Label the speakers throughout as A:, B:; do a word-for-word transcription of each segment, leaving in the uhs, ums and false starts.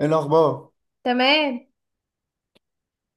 A: ايه الاخبار؟
B: تمام.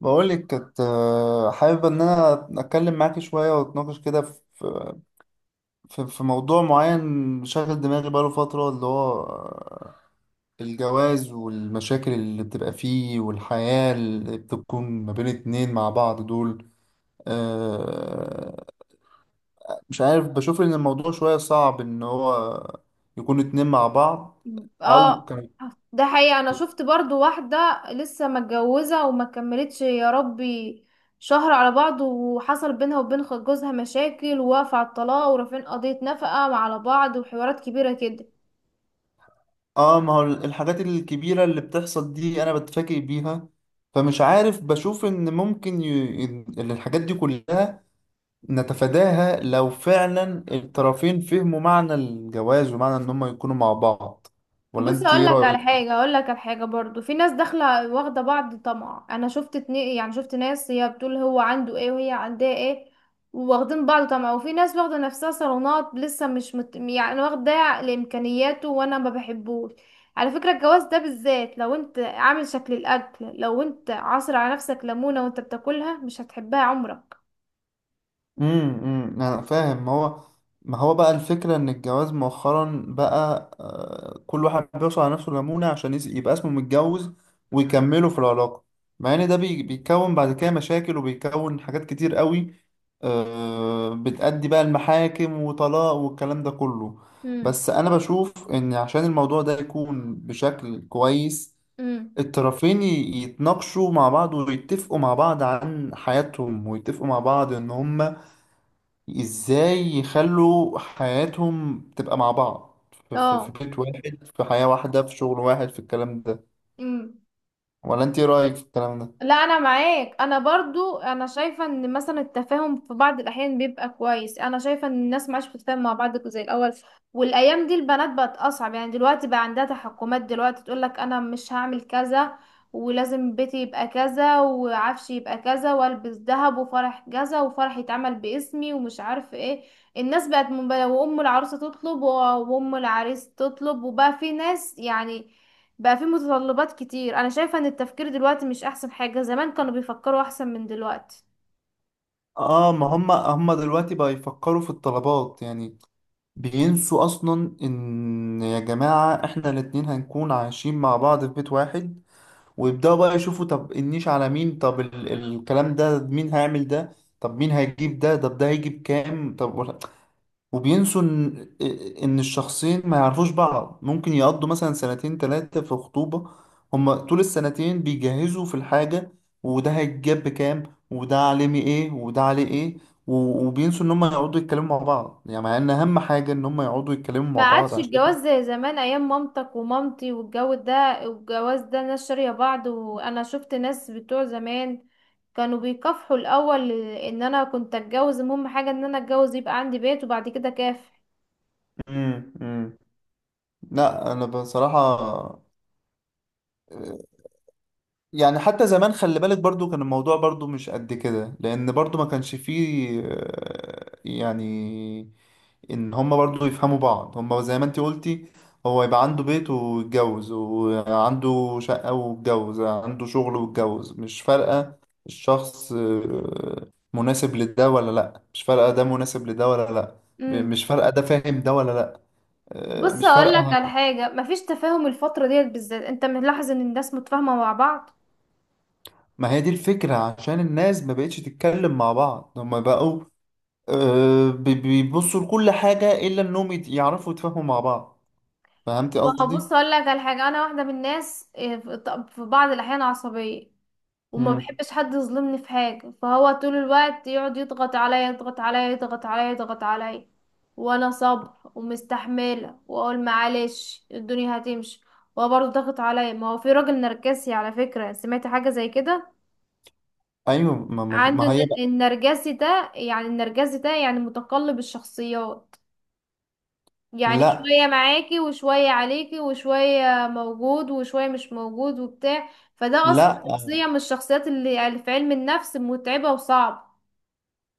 A: بقولك كنت آه، حابب ان انا اتكلم معاكي شويه واتناقش كده في في في موضوع معين شاغل دماغي بقاله فتره اللي هو آه، الجواز والمشاكل اللي بتبقى فيه والحياه اللي بتكون ما بين اتنين مع بعض دول. آه، مش عارف، بشوف ان الموضوع شويه صعب ان هو يكون اتنين مع بعض او
B: اه،
A: كانوا.
B: ده حقيقة انا شفت برضو واحدة لسه متجوزة وما كملتش يا ربي شهر على بعض، وحصل بينها وبين خ- جوزها مشاكل، ووقف على الطلاق ورافعين قضية نفقة على بعض وحوارات كبيرة كده.
A: اه، ما هو الحاجات الكبيرة اللي بتحصل دي انا بتفاجئ بيها، فمش عارف. بشوف ان ممكن ي... إن الحاجات دي كلها نتفاداها لو فعلا الطرفين فهموا معنى الجواز ومعنى ان هم يكونوا مع بعض. ولا
B: بص
A: انت
B: اقول
A: ايه
B: لك على
A: رأيك؟
B: حاجه، اقول لك على حاجه برضو في ناس داخله واخده بعض طمع. انا شفت اتنين، يعني شفت ناس هي بتقول هو عنده ايه وهي عندها ايه، واخدين بعض طمع. وفي ناس واخده نفسها صالونات لسه مش مت... يعني واخده لامكانياته وانا ما بحبوش. على فكره الجواز ده بالذات لو انت عامل شكل الاكل، لو انت عاصر على نفسك ليمونه وانت بتاكلها مش هتحبها عمرك.
A: امم أمم، انا فاهم. ما هو ما هو بقى الفكره ان الجواز مؤخرا بقى، آه، كل واحد بيوصل على نفسه ليمونه عشان يس- يبقى اسمه متجوز، ويكملوا في العلاقه، مع ان ده بي- بيكون بعد كده مشاكل، وبيكون حاجات كتير قوي. آه، بتأدي بقى المحاكم وطلاق والكلام ده كله.
B: امم،
A: بس انا بشوف ان عشان الموضوع ده يكون بشكل كويس،
B: امم.
A: الطرفين ي- يتناقشوا مع بعض ويتفقوا مع بعض عن حياتهم، ويتفقوا مع بعض ان هم ازاي يخلوا حياتهم تبقى مع بعض في, في, في
B: اه.
A: بيت واحد، في حياة واحدة، في شغل واحد، في الكلام ده.
B: مم.
A: ولا انت ايه رأيك في الكلام ده؟
B: لا انا معاك، انا برضو انا شايفه ان مثلا التفاهم في بعض الاحيان بيبقى كويس. انا شايفه ان الناس ما عادش بتتفاهم مع بعض زي الاول. والايام دي البنات بقت اصعب، يعني دلوقتي بقى عندها تحكمات. دلوقتي تقول لك انا مش هعمل كذا، ولازم بيتي يبقى كذا وعفشي يبقى كذا والبس ذهب وفرح كذا وفرح يتعمل باسمي ومش عارف ايه. الناس بقت منبه- وام العروسه تطلب وام العريس تطلب، وبقى في ناس يعني بقى في متطلبات كتير. انا شايفة ان التفكير دلوقتي مش احسن حاجة، زمان كانوا بيفكروا احسن من دلوقتي.
A: اه، ما هم هم دلوقتي بقى يفكروا في الطلبات يعني، بينسوا اصلا ان يا جماعة احنا الاتنين هنكون عايشين مع بعض في بيت واحد، ويبدأوا بقى يشوفوا طب النيش على مين، طب ال الكلام ده مين هيعمل ده، طب مين هيجيب ده، طب ده هيجيب كام، طب. وبينسوا ان إن الشخصين ما يعرفوش بعض ممكن يقضوا مثلا سنتين ثلاثة في خطوبة، هما طول السنتين بيجهزوا في الحاجة، وده هيتجاب بكام وده علمي ايه وده عليه ايه، و- وبينسوا ان هما يقعدوا يتكلموا مع بعض، يعني مع ان اهم حاجة ان هما يقعدوا يتكلموا
B: ما
A: مع بعض
B: عادش
A: عشان.
B: الجواز زي زمان ايام مامتك ومامتي والجو ده، والجواز ده ناس شارية بعض. وانا شفت ناس بتوع زمان كانوا بيكافحوا الاول ان انا كنت اتجوز، المهم حاجة ان انا اتجوز يبقى عندي بيت وبعد كده كافح.
A: مم. مم. لا انا بصراحة يعني حتى زمان خلي بالك برضو كان الموضوع برضو مش قد كده، لان برضو ما كانش فيه آه، يعني ان هما برضو يفهموا بعض. هما زي ما انت قلتي، هو يبقى عنده بيت ويتجوز، وعنده شقة ويتجوز، عنده شغل ويتجوز، مش فارقة. الشخص آه، مناسب لده ولا لأ، مش فارقة. ده مناسب لده ولا لأ،
B: امم.
A: مش فارقة. ده فاهم ده ولا لأ، آه،
B: بص
A: مش
B: اقول لك
A: فارقة.
B: على حاجة، مفيش تفاهم الفترة ديت بالذات، انت ملاحظ ان الناس متفاهمة مع بعض؟
A: ما هي دي الفكرة، عشان الناس ما بقتش تتكلم مع بعض، هما بقوا آه، بي- بيبصوا لكل حاجة إلا إنهم يت- يعرفوا يتفاهموا مع بعض. فهمتي
B: ما هو بص
A: قصدي؟
B: اقول لك على حاجه، انا واحده من الناس إيه، في ط- في بعض الاحيان عصبيه وما
A: مم.
B: بحبش حد يظلمني في حاجه. فهو طول الوقت يقعد يضغط عليا، يضغط عليا، يضغط عليا، يضغط عليا، وانا صبر ومستحمله واقول معلش الدنيا هتمشي، وهو برضه ضغط عليا. ما هو في راجل نرجسي، على فكره سمعت حاجه زي كده.
A: ايوه، ما ما ما
B: عنده
A: هي.
B: الن- النرجسي ده يعني، النرجسي ده يعني متقلب الشخصيات. يعني
A: لا،
B: شوية معاكي وشوية عليكي وشوية موجود وشوية مش موجود وبتاع. فده أصلا
A: لا،
B: شخصية من الشخصيات اللي يعني في علم النفس متعبة وصعب.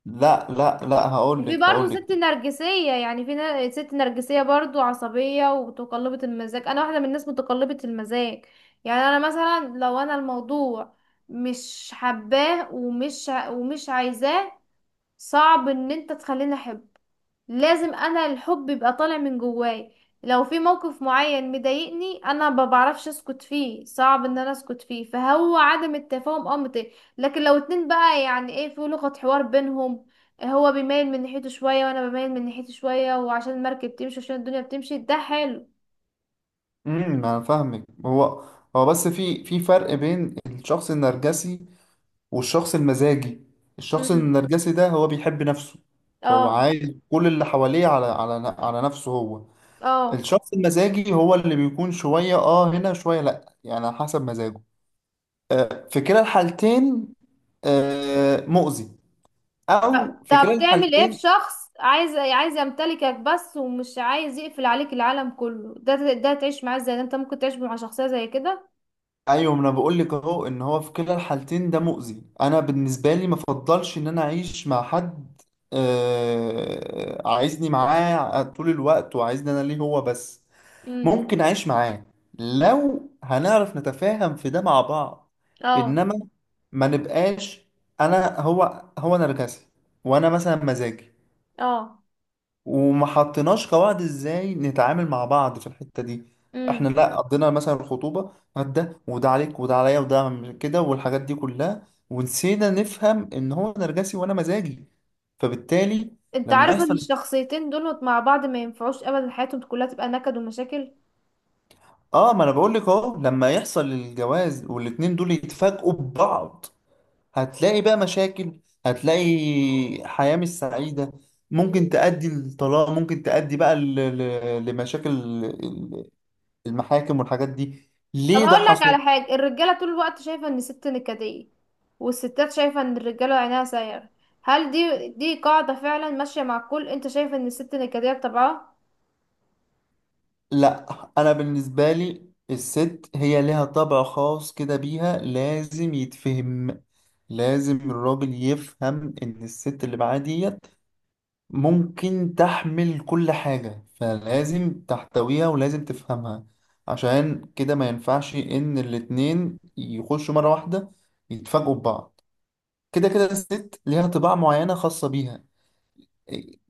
A: لا، لا، لا، هقول
B: وفي
A: لك
B: برضه
A: هقول لك
B: ست نرجسية، يعني في نا- ست نرجسية برضه عصبية ومتقلبة المزاج. أنا واحدة من الناس متقلبة المزاج. يعني أنا مثلا لو أنا الموضوع مش حباه ومش ع- ومش عايزاه، صعب ان انت تخليني احبه. لازم انا الحب يبقى طالع من جواي. لو في موقف معين مضايقني انا ما بعرفش اسكت فيه، صعب ان انا اسكت فيه. فهو عدم التفاهم امر طبيعي. لكن لو اتنين بقى يعني ايه في لغة حوار بينهم، هو بيميل من ناحيته شوية وانا بميل من ناحيته شوية، وعشان المركب تمشي، عشان الدنيا بتمشي ده حلو.
A: امم انا فاهمك. هو هو بس في في فرق بين الشخص النرجسي والشخص المزاجي. الشخص
B: امم.
A: النرجسي ده هو بيحب نفسه، فهو
B: اه.
A: عايز كل اللي حواليه على على على نفسه هو.
B: اه.
A: الشخص المزاجي هو اللي بيكون شوية اه هنا شوية لا، يعني على حسب مزاجه. آه، في كلا الحالتين آه، مؤذي.
B: طب
A: او في كلا
B: طب تعمل ايه في
A: الحالتين.
B: شخص عايز عايز يمتلكك بس ومش عايز يقفل عليك العالم كله؟ ده ده تعيش معاه ازاي؟ ده انت ممكن تعيش مع شخصية زي كده؟
A: ايوه، ما انا بقول لك اهو ان هو في كلا الحالتين ده مؤذي. انا بالنسبه لي ما افضلش ان انا اعيش مع حد آه عايزني معاه طول الوقت وعايزني انا ليه هو بس.
B: مم.
A: ممكن اعيش معاه لو هنعرف نتفاهم في ده مع بعض.
B: اه.
A: انما ما نبقاش انا هو هو نرجسي وانا مثلا مزاجي،
B: اه.
A: وما حطيناش قواعد ازاي نتعامل مع بعض في الحتة دي. احنا
B: امم.
A: لا قضينا مثلا الخطوبة هات ده وده عليك وده عليا وده عم- كده والحاجات دي كلها، ونسينا نفهم ان هو نرجسي وانا مزاجي. فبالتالي
B: انت
A: لما
B: عارف ان
A: يحصل،
B: الشخصيتين دول مع بعض ما ينفعوش ابدا، حياتهم كلها تبقى نكد ومشاكل.
A: اه ما انا بقول لك اهو لما يحصل الجواز والاتنين دول يتفاجئوا ببعض، هتلاقي بقى مشاكل، هتلاقي حياة مش سعيدة، ممكن تؤدي للطلاق، ممكن تؤدي بقى ل- ل- لمشاكل المحاكم والحاجات دي.
B: طب
A: ليه ده
B: هقول لك على
A: حصل؟
B: حاجه، الرجاله طول الوقت شايفه ان الست نكديه، والستات شايفه ان الرجاله عينها سايره. هل دي دي قاعده فعلا ماشيه مع الكل؟ انت شايف ان الست نكديه بطبعها؟
A: لا انا بالنسبه لي الست هي لها طبع خاص كده بيها لازم يتفهم. لازم الراجل يفهم ان الست اللي معاه ديت ممكن تحمل كل حاجه، فلازم تحتويها ولازم تفهمها. عشان كده ما ينفعش ان الاتنين يخشوا مره واحده يتفاجئوا ببعض. كده كده الست ليها طباع معينه خاصه بيها،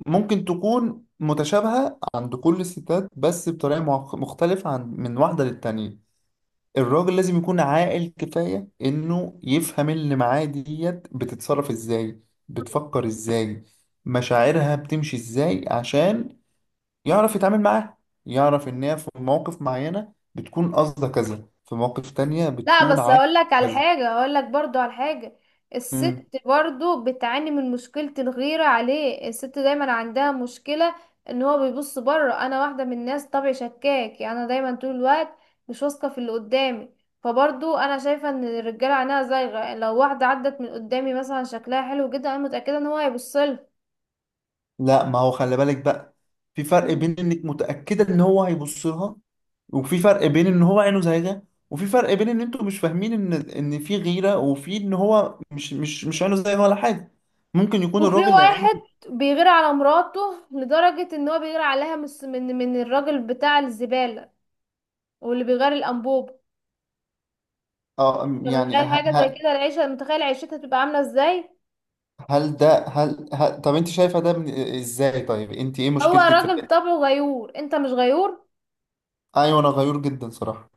A: ممكن تكون متشابهة عند كل الستات بس بطريقة مع- مختلفة عن من واحدة للتانية. الراجل لازم يكون عاقل كفاية إنه يفهم اللي معاه ديت بتتصرف إزاي، بتفكر إزاي، مشاعرها بتمشي إزاي، عشان يعرف يتعامل معاها، يعرف إن هي في مواقف معينة بتكون قصدها كذا، في مواقف تانية
B: لا
A: بتكون
B: بس
A: عايزة
B: اقول لك على
A: كذا.
B: حاجة، اقول لك برضو على حاجة الست برضو بتعاني من مشكلة الغيرة عليه. الست دايما عندها مشكلة ان هو بيبص بره. انا واحدة من الناس طبعي شكاك، يعني انا دايما طول الوقت مش واثقة في اللي قدامي. فبرضو انا شايفة ان الرجالة عينها زايغة. لو واحدة عدت من قدامي مثلا شكلها حلو جدا، انا متأكدة ان هو هيبصلها.
A: لا، ما هو خلي بالك بقى، في فرق
B: مم.
A: بين انك متأكدة ان هو هيبص لها، وفي فرق بين ان هو عينه زايغة، وفي فرق بين ان انتوا مش فاهمين ان ان في غيرة، وفي ان هو مش مش مش عينه زايغة ولا حاجة. ممكن يكون
B: وفي
A: الراجل اللي عينه.
B: واحد بيغير على مراته لدرجة ان هو بيغير عليها من من من الراجل بتاع الزبالة واللي بيغير الانبوب.
A: اه،
B: انت
A: أم، يعني
B: متخيل
A: ه...
B: حاجة زي
A: ه...
B: كده؟ العيشة متخيل عيشتها تبقى عاملة ازاي؟
A: هل ده هل, هل... طب انت شايفة ده من... ازاي؟ طيب انت ايه
B: هو
A: مشكلتك في
B: راجل
A: ده؟
B: طبعه غيور. انت مش غيور؟
A: ايوه انا غيور جدا صراحة.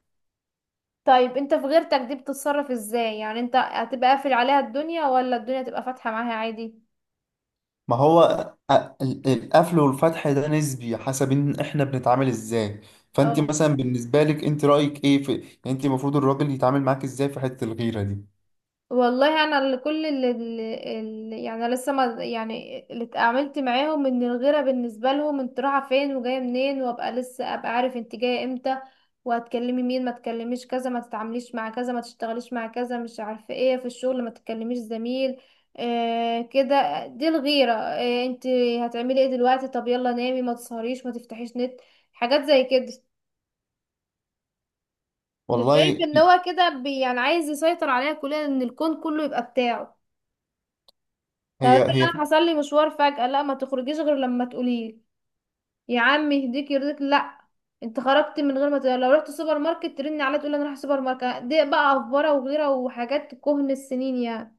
B: طيب انت في غيرتك دي بتتصرف ازاي؟ يعني انت هتبقى قافل عليها الدنيا ولا الدنيا تبقى فاتحة معاها عادي؟
A: ما هو ال- ال- القفل والفتح ده نسبي حسب ان احنا بنتعامل ازاي. فانت
B: اه.
A: مثلا بالنسبه لك انت رايك ايه في، يعني انت المفروض الراجل يتعامل معاك ازاي في حته الغيره دي؟
B: والله انا اللي كل اللي, اللي يعني أنا لسه ما يعني اللي اتعاملت معاهم ان الغيره بالنسبه لهم انت رايحه فين وجايه منين، وابقى لسه ابقى عارف انت جايه امتى وهتكلمي مين، ما تكلميش كذا، ما تتعامليش مع كذا، ما تشتغليش مع كذا، مش عارفه ايه في الشغل، ما تكلميش زميل. آه كده دي الغيره. آه انت هتعملي ايه دلوقتي؟ طب يلا نامي، ما تسهريش، ما تفتحيش نت. حاجات زي كده. ده شايف
A: والله.
B: ان هو كده بي- يعني عايز يسيطر عليها كلها، ان الكون كله يبقى بتاعه. طب
A: هي
B: افرض
A: هي،
B: انا حصل لي مشوار فجأة، لا ما تخرجيش غير لما تقولي، يا عم يهديك يرضيك. لا انت خرجت من غير ما تقولي. لو رحت سوبر ماركت ترني عليا تقولي انا رايحه سوبر ماركت. دي بقى افبره وغيره وحاجات كهن السنين يعني.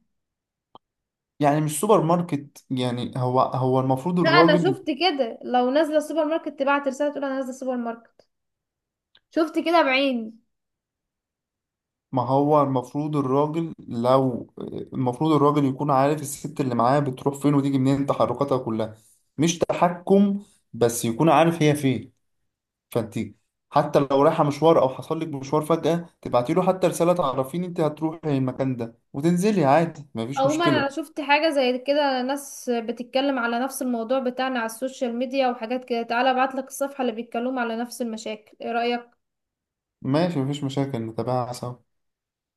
A: يعني مش سوبر ماركت يعني. هو هو المفروض
B: لا انا
A: الراجل،
B: شفت كده، لو نازله السوبر ماركت تبعت رساله تقول انا نازله السوبر ماركت. شفت كده بعيني.
A: ما هو المفروض الراجل لو، المفروض الراجل يكون عارف الست اللي معاه بتروح فين وتيجي منين، تحركاتها كلها. مش تحكم، بس يكون عارف هي فين. فانت حتى لو رايحه مشوار او حصل لك مشوار فجأة، تبعتي له حتى رسالة تعرفيني انت هتروحي المكان ده وتنزلي عادي مفيش
B: عموما انا
A: مشكلة.
B: شفت حاجه زي كده ناس بتتكلم على نفس الموضوع بتاعنا على السوشيال ميديا وحاجات كده. تعالى ابعتلك الصفحه اللي بيتكلموا على نفس المشاكل، ايه رايك؟
A: ماشي مفيش مشاكل، نتابعها سوا.